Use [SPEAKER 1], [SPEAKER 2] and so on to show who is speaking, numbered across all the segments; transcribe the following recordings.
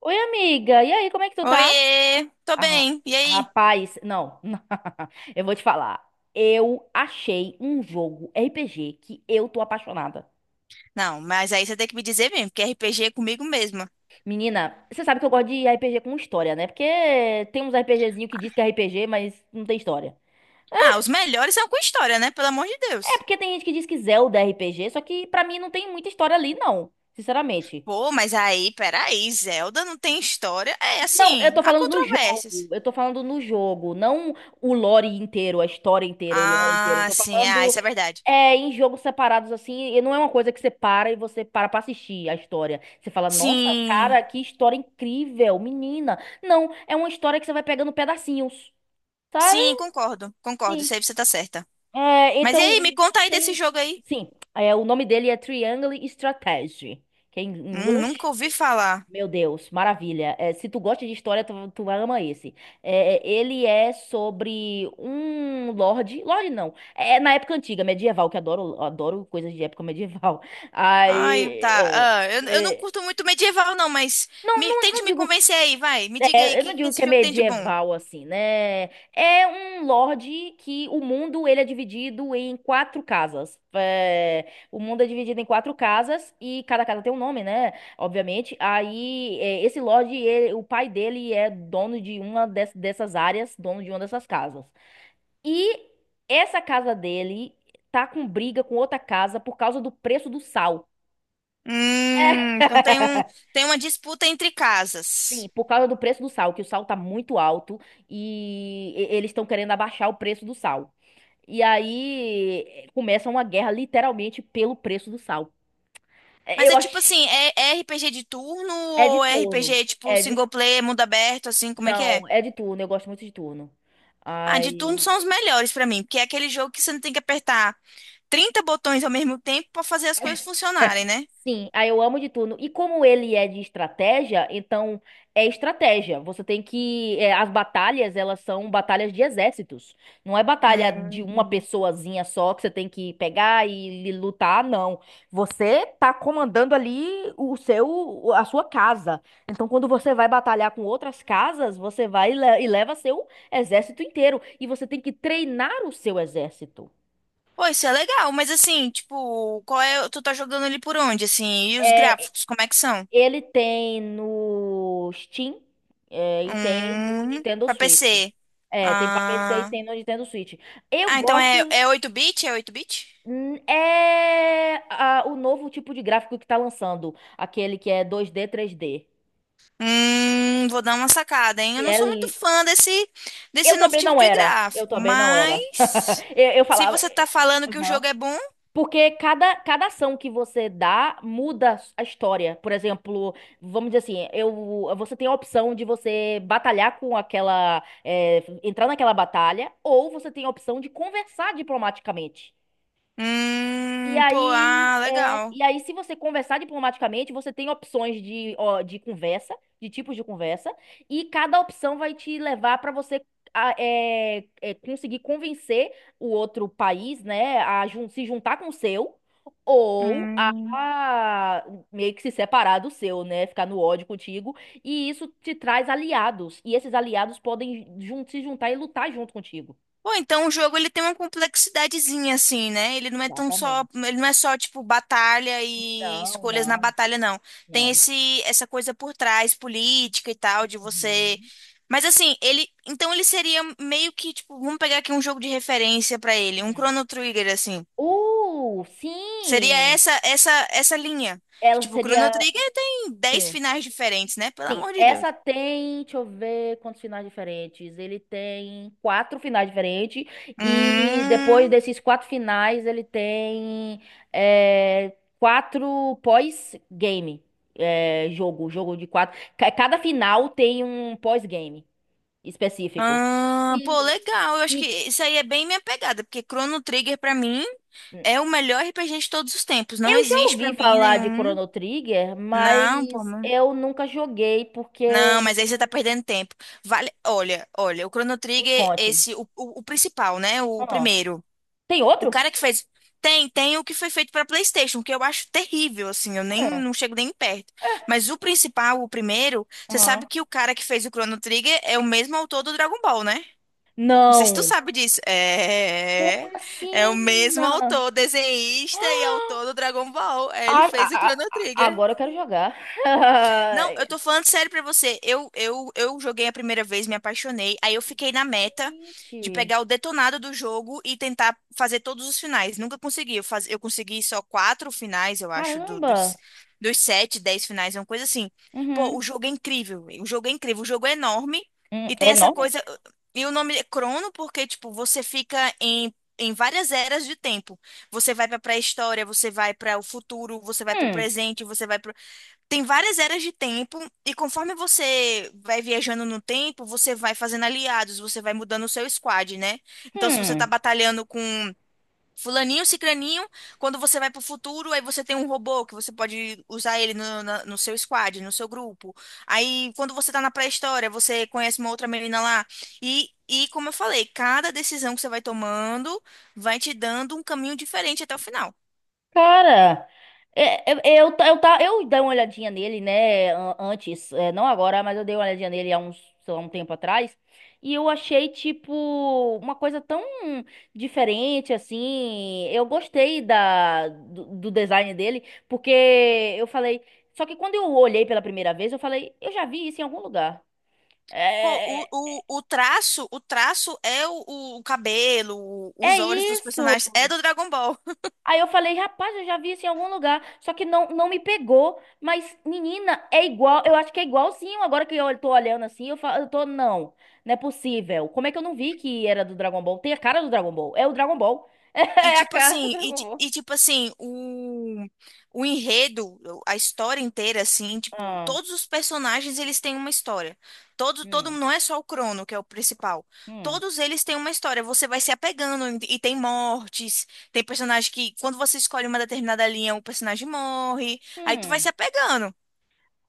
[SPEAKER 1] Oi, amiga. E aí, como é que tu tá?
[SPEAKER 2] Oiê, tô
[SPEAKER 1] Ah,
[SPEAKER 2] bem, e aí?
[SPEAKER 1] rapaz, não. Eu vou te falar. Eu achei um jogo RPG que eu tô apaixonada.
[SPEAKER 2] Não, mas aí você tem que me dizer mesmo, porque RPG é comigo mesma.
[SPEAKER 1] Menina, você sabe que eu gosto de RPG com história, né? Porque tem uns RPGzinho que diz que é RPG, mas não tem história.
[SPEAKER 2] Ah, os melhores são com história, né? Pelo amor de
[SPEAKER 1] É
[SPEAKER 2] Deus.
[SPEAKER 1] porque tem gente que diz que Zelda é RPG, só que pra mim não tem muita história ali, não. Sinceramente.
[SPEAKER 2] Pô, mas aí, peraí, Zelda não tem história? É,
[SPEAKER 1] Não, eu
[SPEAKER 2] assim,
[SPEAKER 1] tô
[SPEAKER 2] há
[SPEAKER 1] falando no jogo.
[SPEAKER 2] controvérsias.
[SPEAKER 1] Eu tô falando no jogo, não o lore inteiro, a história inteira, o lore inteiro. Eu
[SPEAKER 2] Ah,
[SPEAKER 1] tô
[SPEAKER 2] sim, é,
[SPEAKER 1] falando
[SPEAKER 2] isso é verdade.
[SPEAKER 1] Em jogos separados, assim, e não é uma coisa que você para e você para pra assistir a história. Você fala, nossa,
[SPEAKER 2] Sim,
[SPEAKER 1] cara, que história incrível, menina. Não, é uma história que você vai pegando pedacinhos, sabe?
[SPEAKER 2] sim, concordo, concordo,
[SPEAKER 1] Sim.
[SPEAKER 2] isso aí você tá certa. Mas e aí, me
[SPEAKER 1] Então,
[SPEAKER 2] conta aí desse
[SPEAKER 1] tem.
[SPEAKER 2] jogo aí.
[SPEAKER 1] Sim, o nome dele é Triangle Strategy, que é em
[SPEAKER 2] Nunca
[SPEAKER 1] inglês.
[SPEAKER 2] ouvi falar.
[SPEAKER 1] Meu Deus, maravilha. É, se tu gosta de história, tu ama esse. É, ele é sobre um lorde. Lorde não. É na época antiga, medieval, que adoro, adoro coisas de época medieval. Aí.
[SPEAKER 2] Ai, tá,
[SPEAKER 1] é,
[SPEAKER 2] ah, eu não
[SPEAKER 1] é,
[SPEAKER 2] curto muito medieval não, mas tente
[SPEAKER 1] não
[SPEAKER 2] me
[SPEAKER 1] digo
[SPEAKER 2] convencer aí, vai, me diga aí, o
[SPEAKER 1] eu não
[SPEAKER 2] que, que
[SPEAKER 1] digo que
[SPEAKER 2] esse
[SPEAKER 1] é
[SPEAKER 2] jogo tem de bom?
[SPEAKER 1] medieval assim, né? É um lorde que o mundo ele é dividido em quatro casas. É, o mundo é dividido em quatro casas e cada casa tem um nome, né? Obviamente. Aí esse lorde, o pai dele é dono de dessas áreas, dono de uma dessas casas. E essa casa dele tá com briga com outra casa por causa do preço do sal.
[SPEAKER 2] Então tem uma disputa entre
[SPEAKER 1] Sim,
[SPEAKER 2] casas.
[SPEAKER 1] por causa do preço do sal, que o sal tá muito alto e eles estão querendo abaixar o preço do sal. E aí começa uma guerra literalmente pelo preço do sal.
[SPEAKER 2] Mas
[SPEAKER 1] Eu
[SPEAKER 2] é tipo
[SPEAKER 1] acho.
[SPEAKER 2] assim, é RPG de turno
[SPEAKER 1] É de
[SPEAKER 2] ou é
[SPEAKER 1] turno.
[SPEAKER 2] RPG tipo
[SPEAKER 1] É de.
[SPEAKER 2] single player, mundo aberto, assim, como é que é?
[SPEAKER 1] Não, é de turno. Eu gosto muito de turno.
[SPEAKER 2] Ah, de turno
[SPEAKER 1] Ai.
[SPEAKER 2] são os melhores pra mim, porque é aquele jogo que você não tem que apertar 30 botões ao mesmo tempo pra fazer as coisas funcionarem, né?
[SPEAKER 1] Sim, aí eu amo de turno. E como ele é de estratégia, então é estratégia. Você tem que. As batalhas, elas são batalhas de exércitos. Não é batalha de uma
[SPEAKER 2] Hum.
[SPEAKER 1] pessoazinha só que você tem que pegar e lutar, não. Você tá comandando ali o seu, a sua casa. Então, quando você vai batalhar com outras casas, você vai e leva seu exército inteiro. E você tem que treinar o seu exército.
[SPEAKER 2] Pô, isso é legal, mas assim, tipo, qual é, tu tá jogando ele por onde, assim? E os
[SPEAKER 1] É,
[SPEAKER 2] gráficos, como é que são?
[SPEAKER 1] ele tem no Steam, e tem no Nintendo
[SPEAKER 2] Pra
[SPEAKER 1] Switch.
[SPEAKER 2] PC.
[SPEAKER 1] É, tem pra PC e
[SPEAKER 2] Ah,
[SPEAKER 1] tem no Nintendo Switch. Eu
[SPEAKER 2] ah, então
[SPEAKER 1] gosto.
[SPEAKER 2] é oito bit É oito bit.
[SPEAKER 1] O novo tipo de gráfico que tá lançando. Aquele que é 2D, 3D.
[SPEAKER 2] Vou dar uma sacada, hein?
[SPEAKER 1] Que
[SPEAKER 2] Eu não
[SPEAKER 1] é.
[SPEAKER 2] sou muito fã desse
[SPEAKER 1] Eu
[SPEAKER 2] novo
[SPEAKER 1] também
[SPEAKER 2] tipo
[SPEAKER 1] não
[SPEAKER 2] de
[SPEAKER 1] era. Eu
[SPEAKER 2] gráfico,
[SPEAKER 1] também não era.
[SPEAKER 2] mas
[SPEAKER 1] Eu
[SPEAKER 2] se
[SPEAKER 1] falava.
[SPEAKER 2] você tá falando que o jogo é bom,
[SPEAKER 1] Porque cada ação que você dá muda a história. Por exemplo, vamos dizer assim, você tem a opção de você batalhar com aquela, entrar naquela batalha, ou você tem a opção de conversar diplomaticamente. E
[SPEAKER 2] pô,
[SPEAKER 1] aí,
[SPEAKER 2] ah,
[SPEAKER 1] é,
[SPEAKER 2] legal.
[SPEAKER 1] e aí, se você conversar diplomaticamente, você tem opções ó, de conversa, de tipos de conversa, e cada opção vai te levar para você conseguir convencer o outro país, né, a se juntar com o seu, ou a
[SPEAKER 2] Hum.
[SPEAKER 1] meio que se separar do seu, né, ficar no ódio contigo. E isso te traz aliados, e esses aliados podem se juntar e lutar junto contigo.
[SPEAKER 2] Pô, então o jogo ele tem uma complexidadezinha assim, né? Ele não é tão só,
[SPEAKER 1] Exatamente.
[SPEAKER 2] ele não é só tipo batalha e
[SPEAKER 1] Não,
[SPEAKER 2] escolhas na
[SPEAKER 1] não,
[SPEAKER 2] batalha, não. Tem
[SPEAKER 1] não.
[SPEAKER 2] esse essa coisa por trás, política e tal, de você.
[SPEAKER 1] Uhum.
[SPEAKER 2] Mas assim, então ele seria meio que tipo, vamos pegar aqui um jogo de referência pra ele, um
[SPEAKER 1] Hum.
[SPEAKER 2] Chrono Trigger assim. Seria
[SPEAKER 1] Sim!
[SPEAKER 2] essa linha. Que
[SPEAKER 1] Ela
[SPEAKER 2] tipo, o Chrono
[SPEAKER 1] seria.
[SPEAKER 2] Trigger tem 10
[SPEAKER 1] Sim,
[SPEAKER 2] finais diferentes, né? Pelo
[SPEAKER 1] sim.
[SPEAKER 2] amor de Deus.
[SPEAKER 1] Essa tem. Deixa eu ver quantos finais diferentes. Ele tem quatro finais diferentes. E depois
[SPEAKER 2] Hum.
[SPEAKER 1] desses quatro finais, ele tem quatro pós-game. É, jogo de quatro. Cada final tem um pós-game específico.
[SPEAKER 2] Ah, pô,
[SPEAKER 1] E,
[SPEAKER 2] legal. Eu acho que
[SPEAKER 1] e
[SPEAKER 2] isso aí é bem minha pegada, porque Chrono Trigger pra mim é o melhor RPG de todos os tempos. Não
[SPEAKER 1] Eu já
[SPEAKER 2] existe pra
[SPEAKER 1] ouvi
[SPEAKER 2] mim
[SPEAKER 1] falar de
[SPEAKER 2] nenhum.
[SPEAKER 1] Chrono Trigger,
[SPEAKER 2] Não, pô,
[SPEAKER 1] mas
[SPEAKER 2] não.
[SPEAKER 1] eu nunca joguei
[SPEAKER 2] Não,
[SPEAKER 1] porque.
[SPEAKER 2] mas aí você tá perdendo tempo. Vale, olha, olha, o Chrono
[SPEAKER 1] Me
[SPEAKER 2] Trigger,
[SPEAKER 1] conte.
[SPEAKER 2] o principal, né? O
[SPEAKER 1] Ah,
[SPEAKER 2] primeiro.
[SPEAKER 1] tem
[SPEAKER 2] O
[SPEAKER 1] outro?
[SPEAKER 2] cara que fez. Tem o que foi feito pra PlayStation, que eu acho terrível, assim, eu nem
[SPEAKER 1] Hum,
[SPEAKER 2] não chego nem perto. Mas o principal, o primeiro, você
[SPEAKER 1] aham.
[SPEAKER 2] sabe que o cara que fez o Chrono Trigger é o mesmo autor do Dragon Ball, né? Não sei se tu
[SPEAKER 1] Não.
[SPEAKER 2] sabe disso.
[SPEAKER 1] Como
[SPEAKER 2] É,
[SPEAKER 1] assim,
[SPEAKER 2] é o mesmo
[SPEAKER 1] menina?
[SPEAKER 2] autor, desenhista e autor do Dragon Ball. É, ele
[SPEAKER 1] Ai,
[SPEAKER 2] fez o Chrono Trigger.
[SPEAKER 1] agora eu quero jogar.
[SPEAKER 2] Não,
[SPEAKER 1] Ai,
[SPEAKER 2] eu tô falando sério pra você. Eu joguei a primeira vez, me apaixonei. Aí eu fiquei na meta de
[SPEAKER 1] gente,
[SPEAKER 2] pegar o detonado do jogo e tentar fazer todos os finais. Nunca consegui. Eu consegui só quatro finais, eu acho, do- dos,
[SPEAKER 1] caramba.
[SPEAKER 2] dos sete, 10 finais, é uma coisa assim. Pô,
[SPEAKER 1] Uhum.
[SPEAKER 2] o jogo é incrível. O jogo é incrível. O jogo é enorme e
[SPEAKER 1] É
[SPEAKER 2] tem essa
[SPEAKER 1] enorme?
[SPEAKER 2] coisa. E o nome é Crono porque, tipo, você fica em. Em várias eras de tempo. Você vai pra pré-história, você vai para o futuro, você vai pro
[SPEAKER 1] Hum,
[SPEAKER 2] presente, você vai pro tem várias eras de tempo, e conforme você vai viajando no tempo, você vai fazendo aliados, você vai mudando o seu squad, né? Então, se você tá
[SPEAKER 1] hum.
[SPEAKER 2] batalhando com fulaninho, cicraninho, quando você vai pro futuro, aí você tem um robô que você pode usar ele no seu squad, no seu grupo. Aí, quando você tá na pré-história, você conhece uma outra menina lá. E, como eu falei, cada decisão que você vai tomando vai te dando um caminho diferente até o final.
[SPEAKER 1] Cara, eu, dei uma olhadinha nele, né, antes, não agora, mas eu dei uma olhadinha nele há uns, sei lá, um tempo atrás, e eu achei, tipo, uma coisa tão diferente, assim, eu gostei do design dele, porque eu falei, só que quando eu olhei pela primeira vez, eu falei, eu já vi isso em algum lugar.
[SPEAKER 2] Pô,
[SPEAKER 1] É,
[SPEAKER 2] o,
[SPEAKER 1] é
[SPEAKER 2] o, o traço, o traço é o cabelo,
[SPEAKER 1] é
[SPEAKER 2] os olhos dos
[SPEAKER 1] isso!
[SPEAKER 2] personagens, é do Dragon Ball.
[SPEAKER 1] Aí eu falei, rapaz, eu já vi isso em algum lugar, só que não, não me pegou. Mas, menina, é igual, eu acho que é igualzinho. Agora que eu tô olhando assim, eu falo, não, não é possível. Como é que eu não vi que era do Dragon Ball? Tem a cara do Dragon Ball, é o Dragon Ball.
[SPEAKER 2] E
[SPEAKER 1] É a
[SPEAKER 2] tipo
[SPEAKER 1] cara do
[SPEAKER 2] assim,
[SPEAKER 1] Dragon Ball.
[SPEAKER 2] tipo assim, o enredo, a história inteira, assim, tipo,
[SPEAKER 1] Ah,
[SPEAKER 2] todos os personagens eles têm uma história. Todo,
[SPEAKER 1] hum,
[SPEAKER 2] não é só o Crono, que é o principal.
[SPEAKER 1] hum,
[SPEAKER 2] Todos eles têm uma história. Você vai se apegando e tem mortes. Tem personagem que, quando você escolhe uma determinada linha, o personagem morre. Aí tu vai
[SPEAKER 1] hum.
[SPEAKER 2] se apegando.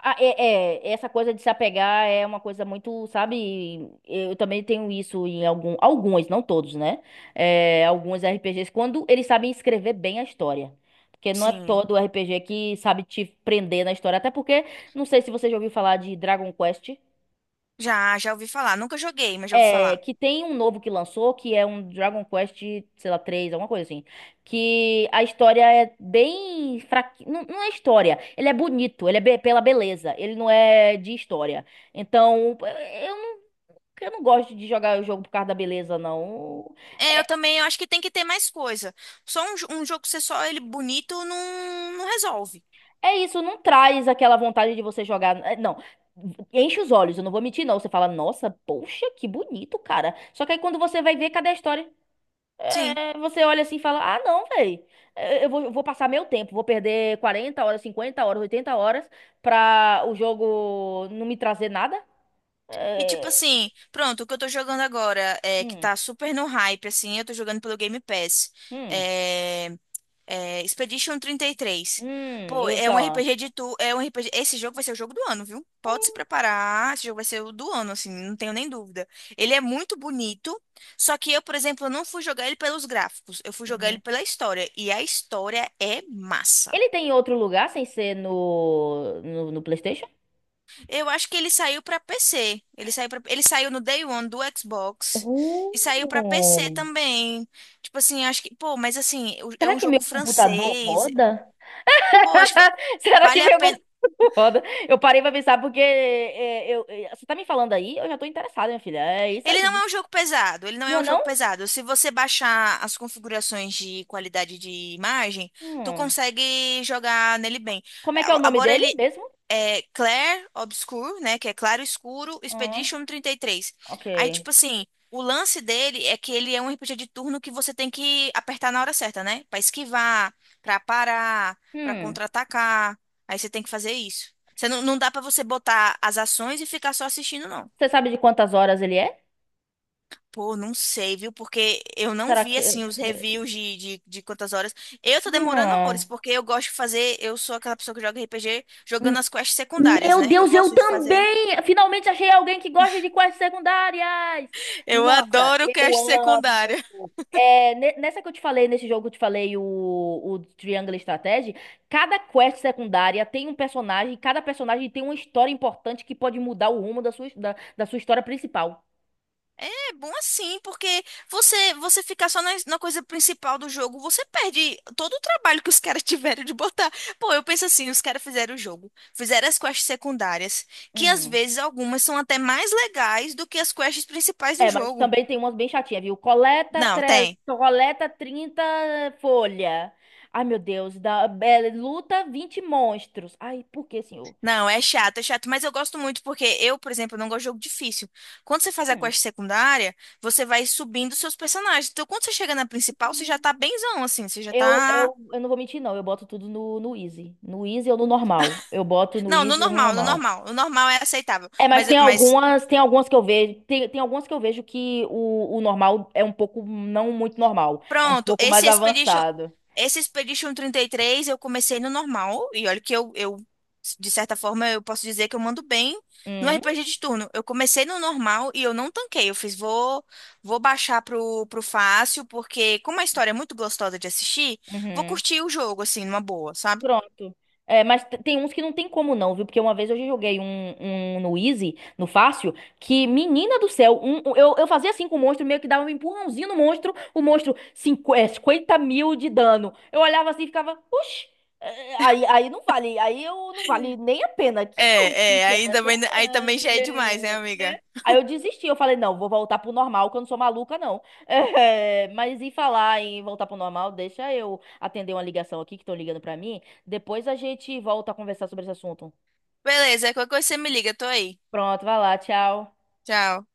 [SPEAKER 1] Ah, essa coisa de se apegar é uma coisa muito, sabe? Eu também tenho isso em alguns, não todos, né? É, alguns RPGs, quando eles sabem escrever bem a história. Porque não é
[SPEAKER 2] Sim.
[SPEAKER 1] todo RPG que sabe te prender na história. Até porque, não sei se você já ouviu falar de Dragon Quest.
[SPEAKER 2] Já, já ouvi falar. Nunca joguei, mas já ouvi
[SPEAKER 1] É,
[SPEAKER 2] falar.
[SPEAKER 1] que tem um novo que lançou, que é um Dragon Quest, sei lá, 3 alguma coisa assim. Que a história é bem fraquinha. Não, não é história. Ele é bonito, pela beleza. Ele não é de história. Então, eu não gosto de jogar o jogo por causa da beleza, não.
[SPEAKER 2] É, eu também eu acho que tem que ter mais coisa. Só um, jo- um jogo ser só ele bonito não, não resolve.
[SPEAKER 1] É isso, não traz aquela vontade de você jogar. Não. Enche os olhos, eu não vou mentir, não. Você fala, nossa, poxa, que bonito, cara. Só que aí quando você vai ver, cadê a história?
[SPEAKER 2] Sim.
[SPEAKER 1] É, você olha assim e fala: Ah, não, velho. Eu vou passar meu tempo, vou perder 40 horas, 50 horas, 80 horas pra o jogo não me trazer nada.
[SPEAKER 2] E tipo
[SPEAKER 1] É,
[SPEAKER 2] assim, pronto, o que eu tô jogando agora é que
[SPEAKER 1] hum,
[SPEAKER 2] tá super no hype, assim, eu tô jogando pelo Game Pass.
[SPEAKER 1] hum,
[SPEAKER 2] É, É, Expedition 33.
[SPEAKER 1] hum,
[SPEAKER 2] Pô,
[SPEAKER 1] eu vou
[SPEAKER 2] é um
[SPEAKER 1] falar.
[SPEAKER 2] RPG de tu, é um RPG, esse jogo vai ser o jogo do ano, viu? Pode se preparar, esse jogo vai ser o do ano, assim, não tenho nem dúvida. Ele é muito bonito, só que eu, por exemplo, não fui jogar ele pelos gráficos, eu fui jogar ele
[SPEAKER 1] Uhum.
[SPEAKER 2] pela história, e a história é massa.
[SPEAKER 1] Ele tem em outro lugar sem ser no, no, no PlayStation?
[SPEAKER 2] Eu acho que ele saiu pra PC, ele saiu no Day One do Xbox e saiu pra PC
[SPEAKER 1] Uh,
[SPEAKER 2] também. Tipo assim, acho que, pô, mas assim, é
[SPEAKER 1] Será
[SPEAKER 2] um
[SPEAKER 1] que meu
[SPEAKER 2] jogo
[SPEAKER 1] computador
[SPEAKER 2] francês.
[SPEAKER 1] roda?
[SPEAKER 2] Pô, acho que
[SPEAKER 1] Será que
[SPEAKER 2] vale a
[SPEAKER 1] meu
[SPEAKER 2] pena.
[SPEAKER 1] computador roda? Eu parei pra pensar porque você tá me falando aí, eu já tô interessada, minha filha. É isso
[SPEAKER 2] Ele não
[SPEAKER 1] aí.
[SPEAKER 2] é um jogo pesado, ele não
[SPEAKER 1] Não
[SPEAKER 2] é
[SPEAKER 1] é
[SPEAKER 2] um jogo
[SPEAKER 1] não?
[SPEAKER 2] pesado. Se você baixar as configurações de qualidade de imagem, tu
[SPEAKER 1] Hum.
[SPEAKER 2] consegue jogar nele bem.
[SPEAKER 1] Como
[SPEAKER 2] É,
[SPEAKER 1] é que é o nome
[SPEAKER 2] Agora ele
[SPEAKER 1] dele mesmo?
[SPEAKER 2] é Clair Obscur, né, que é claro escuro,
[SPEAKER 1] Ah,
[SPEAKER 2] Expedition 33. Aí
[SPEAKER 1] ok.
[SPEAKER 2] tipo assim, o lance dele é que ele é um RPG de turno que você tem que apertar na hora certa, né? Pra esquivar, pra parar, pra
[SPEAKER 1] Hum.
[SPEAKER 2] contra-atacar. Aí você tem que fazer isso. Você não dá pra você botar as ações e ficar só assistindo, não.
[SPEAKER 1] Você sabe de quantas horas ele é?
[SPEAKER 2] Pô, não sei, viu? Porque eu não
[SPEAKER 1] Será
[SPEAKER 2] vi,
[SPEAKER 1] que.
[SPEAKER 2] assim, os reviews de quantas horas. Eu tô demorando horrores,
[SPEAKER 1] Hum.
[SPEAKER 2] porque eu gosto de fazer. Eu sou aquela pessoa que joga RPG
[SPEAKER 1] Hum.
[SPEAKER 2] jogando as quests secundárias,
[SPEAKER 1] Meu
[SPEAKER 2] né? Eu
[SPEAKER 1] Deus, eu
[SPEAKER 2] gosto de fazer.
[SPEAKER 1] também! Finalmente achei alguém que gosta de quests secundárias!
[SPEAKER 2] Eu
[SPEAKER 1] Nossa,
[SPEAKER 2] adoro
[SPEAKER 1] eu
[SPEAKER 2] quest
[SPEAKER 1] amo!
[SPEAKER 2] secundária.
[SPEAKER 1] É, nessa que eu te falei, nesse jogo que eu te falei, o Triangle Strategy, cada quest secundária tem um personagem, cada personagem tem uma história importante que pode mudar o rumo da sua história principal.
[SPEAKER 2] É bom assim, porque você ficar só na coisa principal do jogo, você perde todo o trabalho que os caras tiveram de botar. Pô, eu penso assim, os caras fizeram o jogo, fizeram as quests secundárias, que às
[SPEAKER 1] Uhum.
[SPEAKER 2] vezes algumas são até mais legais do que as quests principais do
[SPEAKER 1] É, mas
[SPEAKER 2] jogo.
[SPEAKER 1] também tem umas bem chatinhas, viu?
[SPEAKER 2] Não, tem.
[SPEAKER 1] Coleta 30 folha. Ai, meu Deus. Luta 20 monstros. Ai, por que, senhor?
[SPEAKER 2] Não, é chato, mas eu gosto muito porque eu, por exemplo, não gosto de jogo difícil. Quando você faz a
[SPEAKER 1] Hum.
[SPEAKER 2] quest secundária, você vai subindo seus personagens. Então, quando você chega na principal, você já tá benzão, assim, você já
[SPEAKER 1] Eu,
[SPEAKER 2] tá.
[SPEAKER 1] eu, eu não vou mentir, não. Eu boto tudo no easy. No easy ou no normal. Eu boto no
[SPEAKER 2] Não, no
[SPEAKER 1] easy ou no
[SPEAKER 2] normal, no
[SPEAKER 1] normal.
[SPEAKER 2] normal. O normal é aceitável.
[SPEAKER 1] É, mas
[SPEAKER 2] Mas,
[SPEAKER 1] tem
[SPEAKER 2] mas
[SPEAKER 1] algumas, tem algumas que eu vejo, tem algumas que eu vejo que o normal é um pouco não muito normal, é um
[SPEAKER 2] Pronto,
[SPEAKER 1] pouco mais avançado.
[SPEAKER 2] esse Expedition 33 eu comecei no normal, e olha que eu, de certa forma, eu posso dizer que eu mando bem no
[SPEAKER 1] Hum,
[SPEAKER 2] RPG de turno. Eu comecei no normal e eu não tanquei, vou baixar pro fácil, porque como a história é muito gostosa de assistir, vou
[SPEAKER 1] uhum.
[SPEAKER 2] curtir o jogo, assim, numa boa, sabe?
[SPEAKER 1] Pronto. É, mas tem uns que não tem como não, viu? Porque uma vez eu já joguei um no easy, no fácil, que, menina do céu, eu fazia assim com o monstro, meio que dava um empurrãozinho no monstro, o monstro, 50 mil de dano. Eu olhava assim e ficava, oxi, aí não vale, aí eu não vale nem a pena. Que
[SPEAKER 2] É,
[SPEAKER 1] maluquice
[SPEAKER 2] é,
[SPEAKER 1] é essa?
[SPEAKER 2] aí também já é demais, né,
[SPEAKER 1] É, né?
[SPEAKER 2] amiga?
[SPEAKER 1] Aí eu desisti, eu falei, não, vou voltar pro normal, que eu não sou maluca, não. É, mas em falar em voltar pro normal, deixa eu atender uma ligação aqui que estão ligando pra mim. Depois a gente volta a conversar sobre esse assunto.
[SPEAKER 2] Beleza, qualquer coisa você me liga, tô aí.
[SPEAKER 1] Pronto, vai lá, tchau.
[SPEAKER 2] Tchau.